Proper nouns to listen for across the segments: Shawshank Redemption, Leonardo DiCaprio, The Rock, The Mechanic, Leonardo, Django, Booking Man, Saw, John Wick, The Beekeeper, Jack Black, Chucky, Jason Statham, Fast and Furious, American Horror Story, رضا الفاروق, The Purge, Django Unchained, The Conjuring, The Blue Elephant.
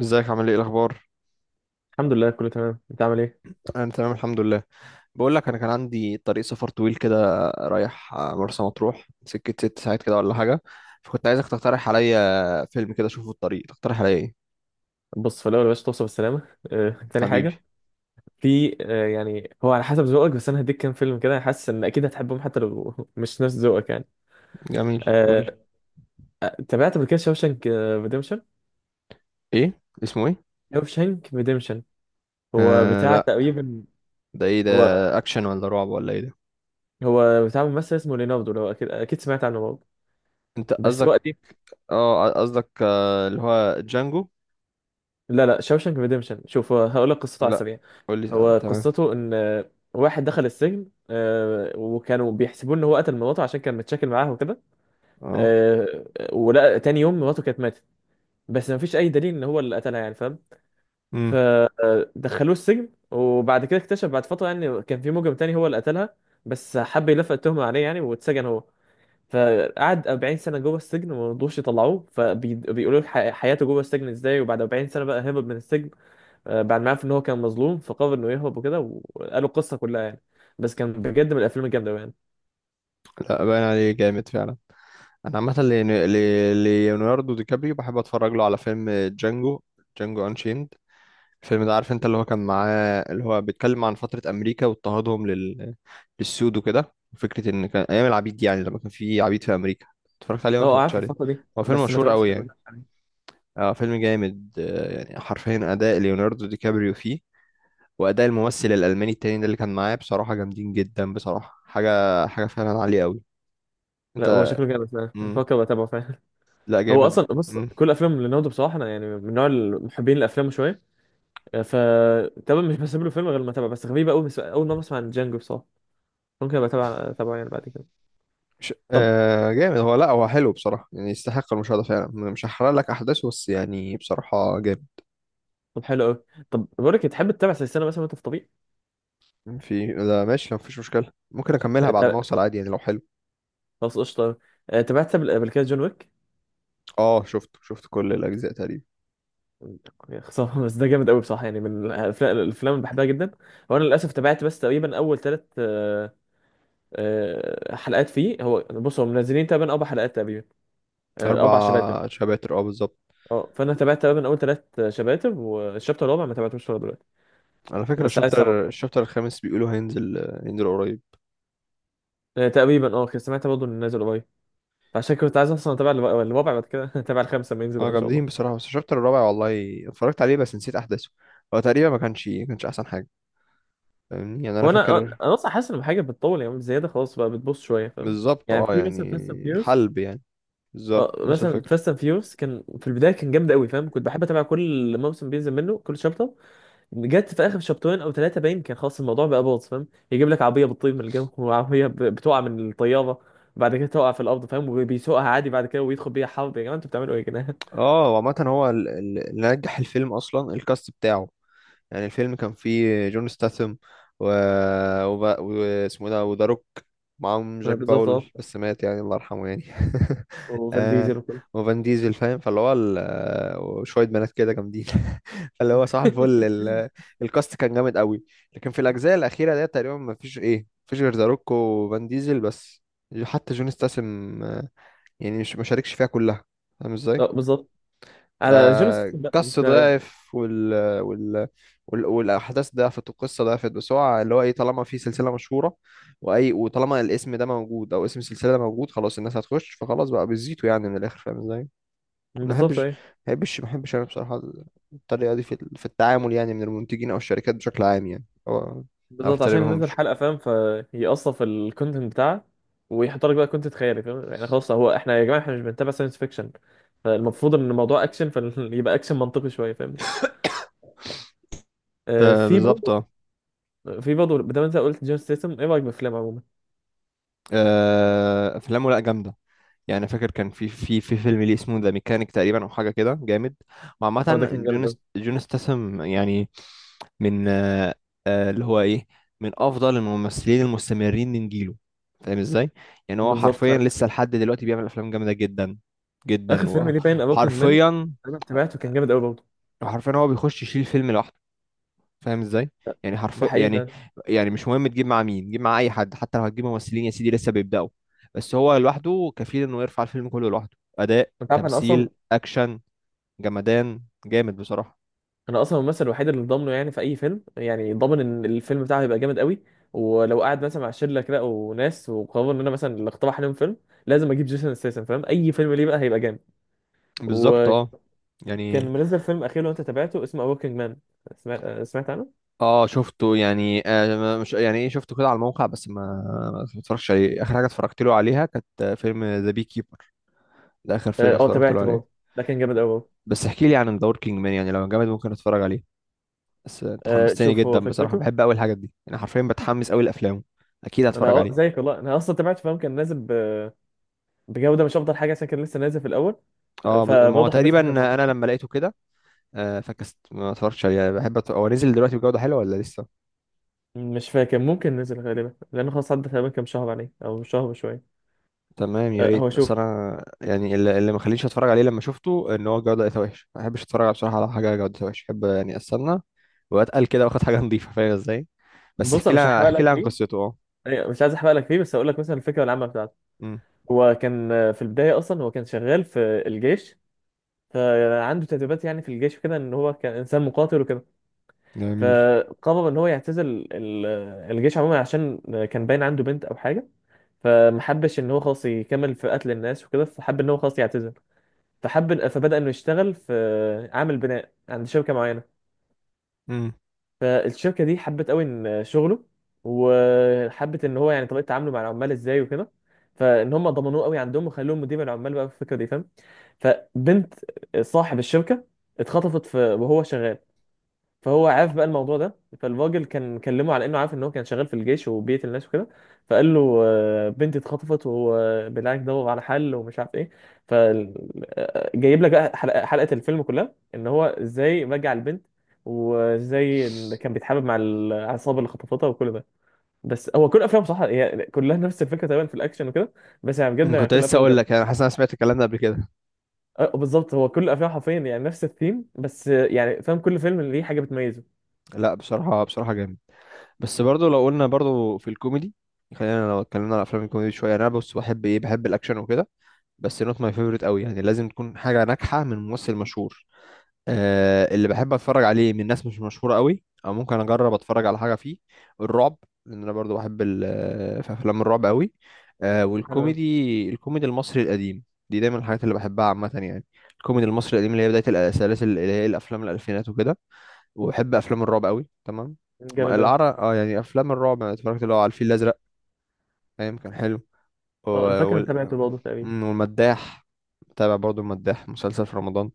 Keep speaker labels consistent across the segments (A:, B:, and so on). A: ازيك عامل ايه الاخبار؟
B: الحمد لله، كله تمام. انت عامل ايه؟
A: انا تمام الحمد لله. بقول لك، انا كان عندي طريق سفر طويل كده، رايح مرسى مطروح، سكه ست ساعات كده ولا حاجه. فكنت عايزك تقترح عليا فيلم كده اشوفه في الطريق، تقترح عليا ايه؟
B: بص، في الاول يا باشا، توصف السلامه. تاني
A: حبيبي.
B: حاجه. في يعني هو على حسب ذوقك، بس انا هديك كام فيلم كده حاسس ان اكيد هتحبهم حتى لو مش نفس ذوقك يعني.
A: جميل، قول
B: آه،
A: لي.
B: تابعت قبل كده شوشانك ريديمشن.
A: ايه؟ اسمه ايه؟
B: شوشانك ريديمشن، هو
A: آه،
B: بتاع
A: لا.
B: تقريبا.
A: ده ايه ده؟
B: هو
A: اكشن ولا رعب ولا ايه ده؟
B: هو بتاع ممثل اسمه ليناردو، لو اكيد اكيد سمعت عنه برضه.
A: انت
B: بس هو
A: قصدك؟
B: قديم.
A: اه قصدك، اللي هو جانجو.
B: لا لا، شوشانك ريديمشن. شوف، هو هقول لك قصته على
A: لا،
B: السريع.
A: قول لي.
B: هو
A: تمام.
B: قصته ان واحد دخل السجن، وكانوا بيحسبوه ان هو قتل مراته عشان كان متشاكل معاها وكده.
A: اه.
B: آه، ولا تاني يوم مراته كانت ماتت، بس ما فيش اي دليل ان هو اللي قتلها، يعني فاهم.
A: امم.
B: فدخلوه السجن وبعد كده اكتشف بعد فتره يعني كان في مجرم تاني هو اللي قتلها، بس حب يلفق التهمه عليه يعني، واتسجن هو. فقعد 40 سنه جوه السجن وما رضوش يطلعوه، فبيقولوا له حياته جوه السجن ازاي، وبعد 40 سنه بقى هرب من السجن. بعد ما عرف ان هو كان مظلوم فقرر انه يهرب وكده. وقالوا القصه كلها يعني. بس كان بجد من الافلام الجامده يعني.
A: لا، باين عليه جامد فعلا. انا عامه ليوناردو دي كابريو بحب اتفرج له على فيلم جانجو. جانجو انشيند. الفيلم ده، عارف انت اللي هو كان معاه، اللي هو بيتكلم عن فتره امريكا واضطهادهم للسود وكده، فكره ان كان ايام العبيد دي، يعني لما كان في عبيد في امريكا. اتفرجت عليه ولا ما
B: اه
A: اتفرجتش
B: عارف
A: عليه؟
B: الفتره دي،
A: هو فيلم
B: بس ما
A: مشهور
B: تابعتش.
A: قوي يعني. اه فيلم جامد، يعني حرفيا اداء ليوناردو دي كابريو فيه. واداء الممثل الالماني التاني ده اللي كان معاه بصراحه جامدين جدا، بصراحه حاجه حاجه فعلا عاليه قوي.
B: لا هو
A: انت؟
B: شكله جامد فعلا،
A: مم.
B: بفكر اتابعه فعلا.
A: لا،
B: هو
A: جامد.
B: اصلا بص
A: مم.
B: كل افلام ليوناردو بصراحه، انا يعني من نوع المحبين الافلام شويه. ف تمام، مش بسيب له فيلم غير لما اتابعه، بس غريبه قوي، بس اول مره اسمع عن جانجو بصراحه. ممكن ابقى اتابعه يعني بعد كده.
A: مش
B: طب
A: جامد هو، لا هو حلو بصراحة، يعني يستحق المشاهدة فعلا، مش هحرق لك أحداثه، بس يعني بصراحة جامد.
B: طب حلو قوي. طب بقول لك إيه، تحب تتابع سلسله مثلا وانت في طريق؟
A: في، لا ماشي مفيش مشكلة، ممكن أكملها بعد ما
B: تا-
A: أوصل عادي يعني لو حلو.
B: خلاص قشطه. تابعت قبل كده جون ويك.
A: اه، شفت كل الأجزاء تقريبا.
B: يا خساره. بس ده جامد قوي بصراحه، يعني من الافلام اللي بحبها جدا. هو انا للاسف تابعت بس تقريبا اول ثلاث حلقات فيه. هو بص هم منزلين تقريبا اربع حلقات تقريبا.
A: أربع
B: اربع شباتر.
A: شباتر اه، بالظبط.
B: اه، فانا تابعت تقريبا اول ثلاث شباتب، والشابتر الرابع ما تابعتوش لغايه دلوقتي.
A: على فكرة،
B: بس عايز اتابعه
A: الشابتر
B: طبعا.
A: الشابتر الخامس بيقولوا هينزل. هينزل قريب.
B: تقريبا اه كنت سمعت برضه انه نازل قريب. فعشان كنت عايز اصلا اتابع الرابع الرابع بعد كده اتابع الخامسه لما ينزل
A: اه
B: بقى ان شاء الله.
A: جامدين بصراحة، بس الشابتر الرابع والله اتفرجت عليه بس نسيت أحداثه. هو تقريبا ما كانش أحسن حاجة. فاهمني يعني، أنا
B: هو انا
A: فاكر.
B: انا اصلا حاسس ان حاجه بتطول يعني زياده، خلاص بقى بتبص شويه فاهم.
A: بالظبط
B: يعني
A: اه
B: في مثلا
A: يعني.
B: فاست اند فيوس.
A: حلب يعني.
B: اه
A: بالظبط نفس
B: مثلا
A: الفكرة.
B: فاست اند فيوس كان في البدايه كان جامد قوي فاهم، كنت بحب اتابع كل موسم بينزل منه كل شابتر. جت في اخر شابترين او ثلاثه باين كان خلاص الموضوع بقى باظ فاهم. يجيب لك عربيه بتطير من الجو، وعربيه بتقع من الطياره، بعد كده تقع في الارض فاهم، وبيسوقها عادي بعد كده، ويدخل بيها حرب. يا جماعه، انتوا بتعملوا ايه يا جدعان؟
A: اه، وعامة هو اللي نجح الفيلم اصلا الكاست بتاعه. يعني الفيلم كان فيه جون ستاثام، و... واسمه ده وذا روك. معاهم جاك
B: بالظبط اه.
A: باول بس مات يعني، الله يرحمه يعني.
B: وفان
A: آه،
B: ديزل وكله.
A: وفان ديزل فاهم، فاللي هو وشوية بنات كده جامدين. فاللي هو صح، الكاست كان جامد قوي. لكن في الأجزاء الأخيرة ديت تقريبا ما فيش إيه مفيش غير ذا روك وفان ديزل بس. حتى جون ستاثام يعني مش ما شاركش فيها كلها. فاهم ازاي؟
B: اه بالظبط. على جون ستيثم بقى
A: فقص
B: انت.
A: ضعف، وال... والاحداث ضعفت والقصه ضعفت، بس هو اللي هو ايه، طالما في سلسله مشهوره واي، وطالما الاسم ده موجود او اسم السلسله ده موجود خلاص الناس هتخش، فخلاص بقى بيزيتوا يعني من الاخر، فاهم ازاي؟ ما
B: بالظبط
A: بحبش ما
B: ايه.
A: ما بحبش انا بصراحه الطريقه دي في التعامل يعني من المنتجين او الشركات بشكل عام يعني، هو ما
B: بالظبط، عشان ننزل
A: بحترمهمش.
B: حلقه فاهم، فيقصف في الكونتنت بتاعه، ويحط لك بقى كونتنت خيالي فاهم، يعني خلاص، هو احنا يا جماعه احنا مش بنتابع ساينس فيكشن. فالمفروض ان الموضوع اكشن فيبقى اكشن منطقي شويه فاهم.
A: آه،
B: في
A: بالظبط
B: برضه
A: اه.
B: بدل انت قلت جون ستيتم، ايه رايك بالافلام عموما؟
A: آه، افلامه لا جامده. يعني أنا فاكر كان في فيلم ليه اسمه ذا ميكانيك تقريبا او حاجه كده جامد.
B: اه ده
A: وعامه
B: كان جامد
A: جون
B: قوي.
A: ست- جون ستاثام يعني. من آه، آه، اللي هو ايه من افضل الممثلين المستمرين من جيله. فاهم ازاي؟ يعني هو
B: بالظبط
A: حرفيا
B: فعلا.
A: لسه لحد دلوقتي بيعمل افلام جامده جدا
B: اخر
A: جدا
B: فيلم ليه باين ابوكينج مان.
A: وحرفيا
B: انا تابعته كان جامد قوي برضه.
A: وحرفيا هو بيخش يشيل فيلم لوحده. فاهم ازاي؟
B: ده
A: يعني حرف
B: ده حقيقي
A: يعني
B: فعلا.
A: يعني مش مهم تجيب مع مين، جيب مع اي حد، حتى لو هتجيب ممثلين يا سيدي لسه بيبداوا. بس هو لوحده كفيل انه يرفع الفيلم كله لوحده، اداء
B: انت عارف انا اصلا
A: تمثيل اكشن جمدان جامد بصراحة.
B: انا اصلا الممثل الوحيد اللي ضامنه، يعني في اي فيلم يعني ضامن ان الفيلم بتاعه هيبقى جامد قوي. ولو قاعد مثلا مع شله كده وناس وقرروا ان انا مثلا اللي اقترح عليهم فيلم، لازم اجيب جيسون ستيتم، فاهم اي فيلم ليه بقى هيبقى جامد.
A: بالظبط اه
B: وكان
A: يعني.
B: منزل فيلم اخير لو انت تابعته اسمه ابوكينج مان. سمعت عنه؟
A: اه شفته يعني مش يعني ايه، شفته كده على الموقع بس ما اتفرجتش عليه. اخر حاجه اتفرجت له عليها كانت فيلم ذا بي كيبر. ده اخر
B: اه،
A: فيلم اتفرجت له
B: تابعته
A: عليه.
B: برضه. ده كان جامد قوي برضه.
A: بس احكي لي عن ذا وركينج مان يعني، لو جامد ممكن اتفرج عليه. بس انت حمستني
B: شوف هو
A: جدا بصراحه،
B: فكرته.
A: بحب قوي الحاجات دي، انا حرفيا بتحمس قوي لافلام. اكيد
B: انا
A: هتفرج عليه.
B: زيك والله، انا اصلا تابعت فاهم، كان نازل بجوده مش افضل حاجه عشان كان لسه نازل في الاول.
A: اه، ما هو
B: فبرضه حبيت
A: تقريبا.
B: أتابع الموضوع.
A: انا لما لقيته كده، فكست ما اتفرجتش عليه يعني، بحب هو نزل دلوقتي بجوده حلوه ولا لسه؟
B: مش فاكر، ممكن نزل غالبا لانه خلاص عدى تقريبا كام شهر عليه او شهر وشويه.
A: تمام، يا
B: أه هو
A: ريت،
B: شوف.
A: اصل انا يعني اللي ما خلينيش اتفرج عليه لما شفته ان هو الجوده لقيتها وحش، ما بحبش اتفرج على، بصراحه، على حاجه جودتها وحش، بحب يعني استنى واتقل كده واخد حاجه نظيفه، فاهم ازاي؟ بس
B: بص
A: احكي
B: انا مش
A: لها
B: هحرق
A: احكي
B: لك
A: لها عن
B: فيه.
A: قصته اه.
B: أيوة، مش عايز احرق لك فيه، بس هقول لك مثلا الفكره العامه بتاعته.
A: امم.
B: هو كان في البدايه اصلا هو كان شغال في الجيش. فعنده تدريبات يعني في الجيش وكده، ان هو كان انسان مقاتل وكده.
A: جميل.
B: فقرر ان هو يعتزل ال- الجيش عموما، عشان كان باين عنده بنت او حاجه. فمحبش ان هو خلاص يكمل في قتل الناس وكده، فحب ان هو خلاص يعتزل. فبدأ انه يشتغل في عامل بناء عند شركة معينة.
A: امم.
B: فالشركة دي حبت قوي ان شغله، وحبت ان هو يعني طريقة تعامله مع العمال ازاي وكده، فان هم ضمنوه قوي عندهم وخلوه مدير العمال بقى في الفكرة دي فاهم. فبنت صاحب الشركة اتخطفت في وهو شغال. فهو عارف بقى الموضوع ده، فالراجل كان كلمه على انه عارف ان هو كان شغال في الجيش وبيقتل الناس وكده. فقال له بنتي اتخطفت، وبالعكس دور على حل ومش عارف ايه. فجايب لك بقى حلقة الفيلم كلها، ان هو ازاي رجع البنت، وازاي إن كان بيتحابب مع العصابه اللي خطفتها وكل ده. بس هو كل افلامه صح هي كلها نفس الفكره تقريبا في الاكشن وكده، بس يعني بجد يعني
A: كنت
B: كل
A: لسه
B: افلامه
A: اقول
B: جامده.
A: لك، انا حاسس إن انا سمعت الكلام ده قبل كده.
B: بالظبط، هو كل افلامه حرفيا يعني نفس الثيم، بس يعني فاهم كل فيلم ليه حاجه بتميزه.
A: لا بصراحه بصراحه جامد. بس برضو، لو قلنا برضو في الكوميدي، خلينا لو اتكلمنا على افلام الكوميدي شويه، انا بص بحب الاكشن وكده، بس نوت ماي فيفورت قوي يعني، لازم تكون حاجه ناجحه من ممثل مشهور. آه، اللي بحب اتفرج عليه من ناس مش مشهوره قوي، او ممكن اجرب اتفرج على حاجه فيه الرعب. لان انا برضو بحب في افلام الرعب قوي. آه،
B: انا
A: والكوميدي المصري القديم، دي دايما الحاجات اللي بحبها عامه يعني. الكوميدي المصري القديم اللي هي بدايه السلاسل اللي هي الافلام الالفينات وكده. وبحب افلام الرعب قوي، تمام.
B: جامد أوي.
A: العرب اه يعني افلام الرعب، انا اتفرجت اللي هو على الفيل الازرق ايام كان حلو. و-
B: اه انا فاكر اني
A: وال...
B: تابعته برضه تقريبا.
A: والمداح. بتابع برضو المداح مسلسل في رمضان،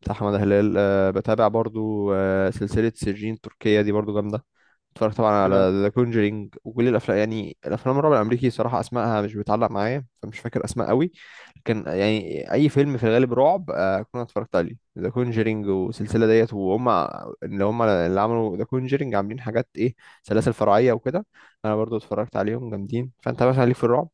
A: بتاع احمد هلال. أه، بتابع برضو. أه، سلسلة سجين تركية دي برضو جامدة. اتفرجت طبعا على
B: حلو أوي.
A: ذا كونجرينج وكل الافلام، يعني الافلام الرعب الامريكي صراحه اسمائها مش بتعلق معايا، فمش فاكر اسماء قوي. لكن يعني اي فيلم في الغالب رعب، كنا اتفرجت عليه ذا كونجرينج والسلسله ديت، وهم اللي هم اللي عملوا ذا كونجرينج عاملين حاجات ايه، سلاسل فرعيه وكده. انا برضو اتفرجت عليهم جامدين. فانت مثلا ليك في الرعب؟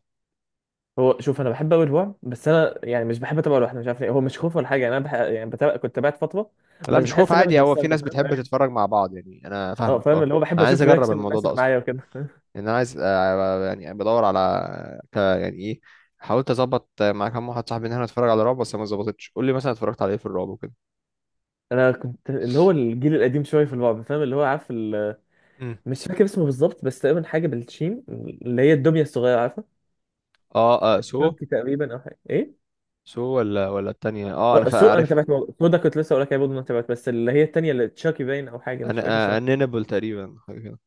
B: هو شوف، انا بحب قوي الرعب، بس انا يعني مش بحب اتابعه لوحدي، مش عارف ليه، هو مش خوف ولا حاجه، يعني انا يعني بتابع كنت تابعت فتره،
A: لا
B: بس
A: مش خوف
B: بحس ان انا مش
A: عادي، هو في
B: بستمتع
A: ناس
B: فاهم.
A: بتحب
B: أيوة.
A: تتفرج مع بعض يعني، انا
B: اه
A: فاهمك
B: فاهم،
A: اه.
B: اللي هو بحب
A: انا عايز
B: اشوف
A: اجرب
B: رياكشن
A: الموضوع
B: الناس
A: ده
B: اللي
A: اصلا،
B: معايا وكده.
A: لان انا عايز يعني بدور على يعني ايه، حاولت اظبط مع كام واحد صاحبي ان احنا نتفرج على رعب بس ما ظبطتش. قول لي مثلا اتفرجت على ايه في الرعب وكده.
B: انا كنت اللي هو الجيل القديم شويه في الرعب فاهم، اللي هو عارف
A: مم.
B: مش فاكر اسمه بالظبط، بس تقريبا حاجه بالشين، اللي هي الدميه الصغيره عارفه،
A: اه، آه سو.
B: شانكي تقريبا او حاجه ايه.
A: سو ولا التانية، اه انا
B: اه سو، انا
A: عارف.
B: تابعت سو ده، كنت لسه اقول لك يا، برضه انا تابعت، بس اللي هي التانيه اللي تشاكي باين او حاجه مش
A: انا
B: فاكر.
A: انينبل تقريبا، حاجة كده.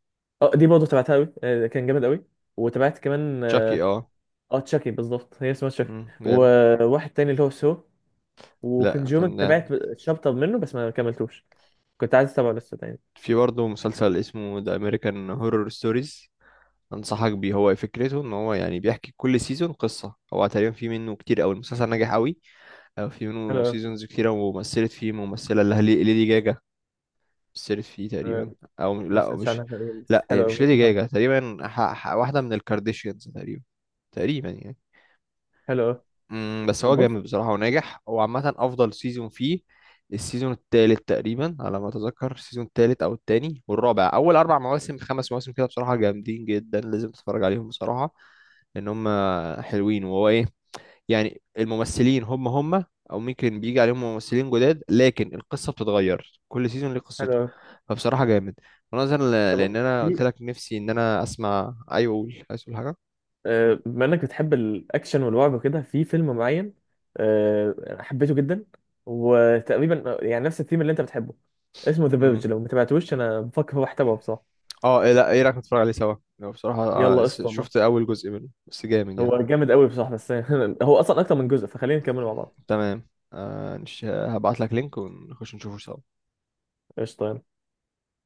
B: اه دي برضه تبعتها قوي. كان جامد قوي. وتابعت كمان
A: تشاكي
B: اه.
A: اه.
B: تشاكي بالظبط هي اسمها تشاكي.
A: مم، جامد.
B: وواحد تاني اللي هو سو.
A: لا
B: وكونجومنج
A: فنان.
B: تابعت شابتر منه بس ما كملتوش. كنت عايز اتابعه لسه تاني.
A: في برضه مسلسل اسمه ذا امريكان هورور ستوريز، انصحك بيه، هو فكرته ان هو يعني بيحكي كل سيزون قصة، هو تقريبا في منه كتير قوي، المسلسل ناجح قوي. في
B: حلو
A: منه
B: قوي.
A: سيزونز كتيرة، ومثلت فيه ممثلة اللي هي ليدي جاجا، مثلت فيه تقريبا.
B: آه،
A: أو
B: ما
A: لا
B: سمعتش
A: مش،
B: عنها تقريباً، بس
A: لا هي
B: حلو قوي
A: مش ليدي
B: ممكن اتابعه.
A: جاجا تقريبا، واحدة من الكارديشيانز تقريبا، تقريبا يعني.
B: حلو قوي
A: مم، بس
B: طب
A: هو
B: بص
A: جامد بصراحة وناجح. هو عامة أفضل سيزون فيه السيزون التالت تقريبا على ما أتذكر، السيزون التالت أو التاني والرابع، أول أربع مواسم خمس مواسم كده بصراحة جامدين جدا، لازم تتفرج عليهم بصراحة، لأن هم حلوين. وهو إيه، يعني الممثلين هم هم، او ممكن بيجي عليهم ممثلين جداد، لكن القصه بتتغير كل سيزون ليه
B: حلو
A: قصته،
B: قوي
A: فبصراحه جامد. ونظرا ل-
B: طب بص
A: لان انا قلت
B: في
A: لك نفسي ان انا اسمع، ايوه قول، عايز تقول حاجه؟ مم.
B: بما انك بتحب الاكشن والرعب وكده في فيلم معين. آه، حبيته جدا، وتقريبا يعني نفس الثيم اللي انت بتحبه. اسمه ذا فيرج،
A: مم.
B: لو ما تابعتوش انا بفكر هو تابعه بصراحه.
A: اه، إيه لا ايه رايك نتفرج عليه سوا لو بصراحه؟
B: يلا قشطه والله.
A: شفت اول جزء منه بس جامد يعني.
B: هو جامد قوي بصراحه بس هو اصلا اكتر من جزء، فخلينا نكمل مع بعض.
A: تمام. آه، هبعت لك لينك ونخش نشوفه سوا.
B: قشطه يلا.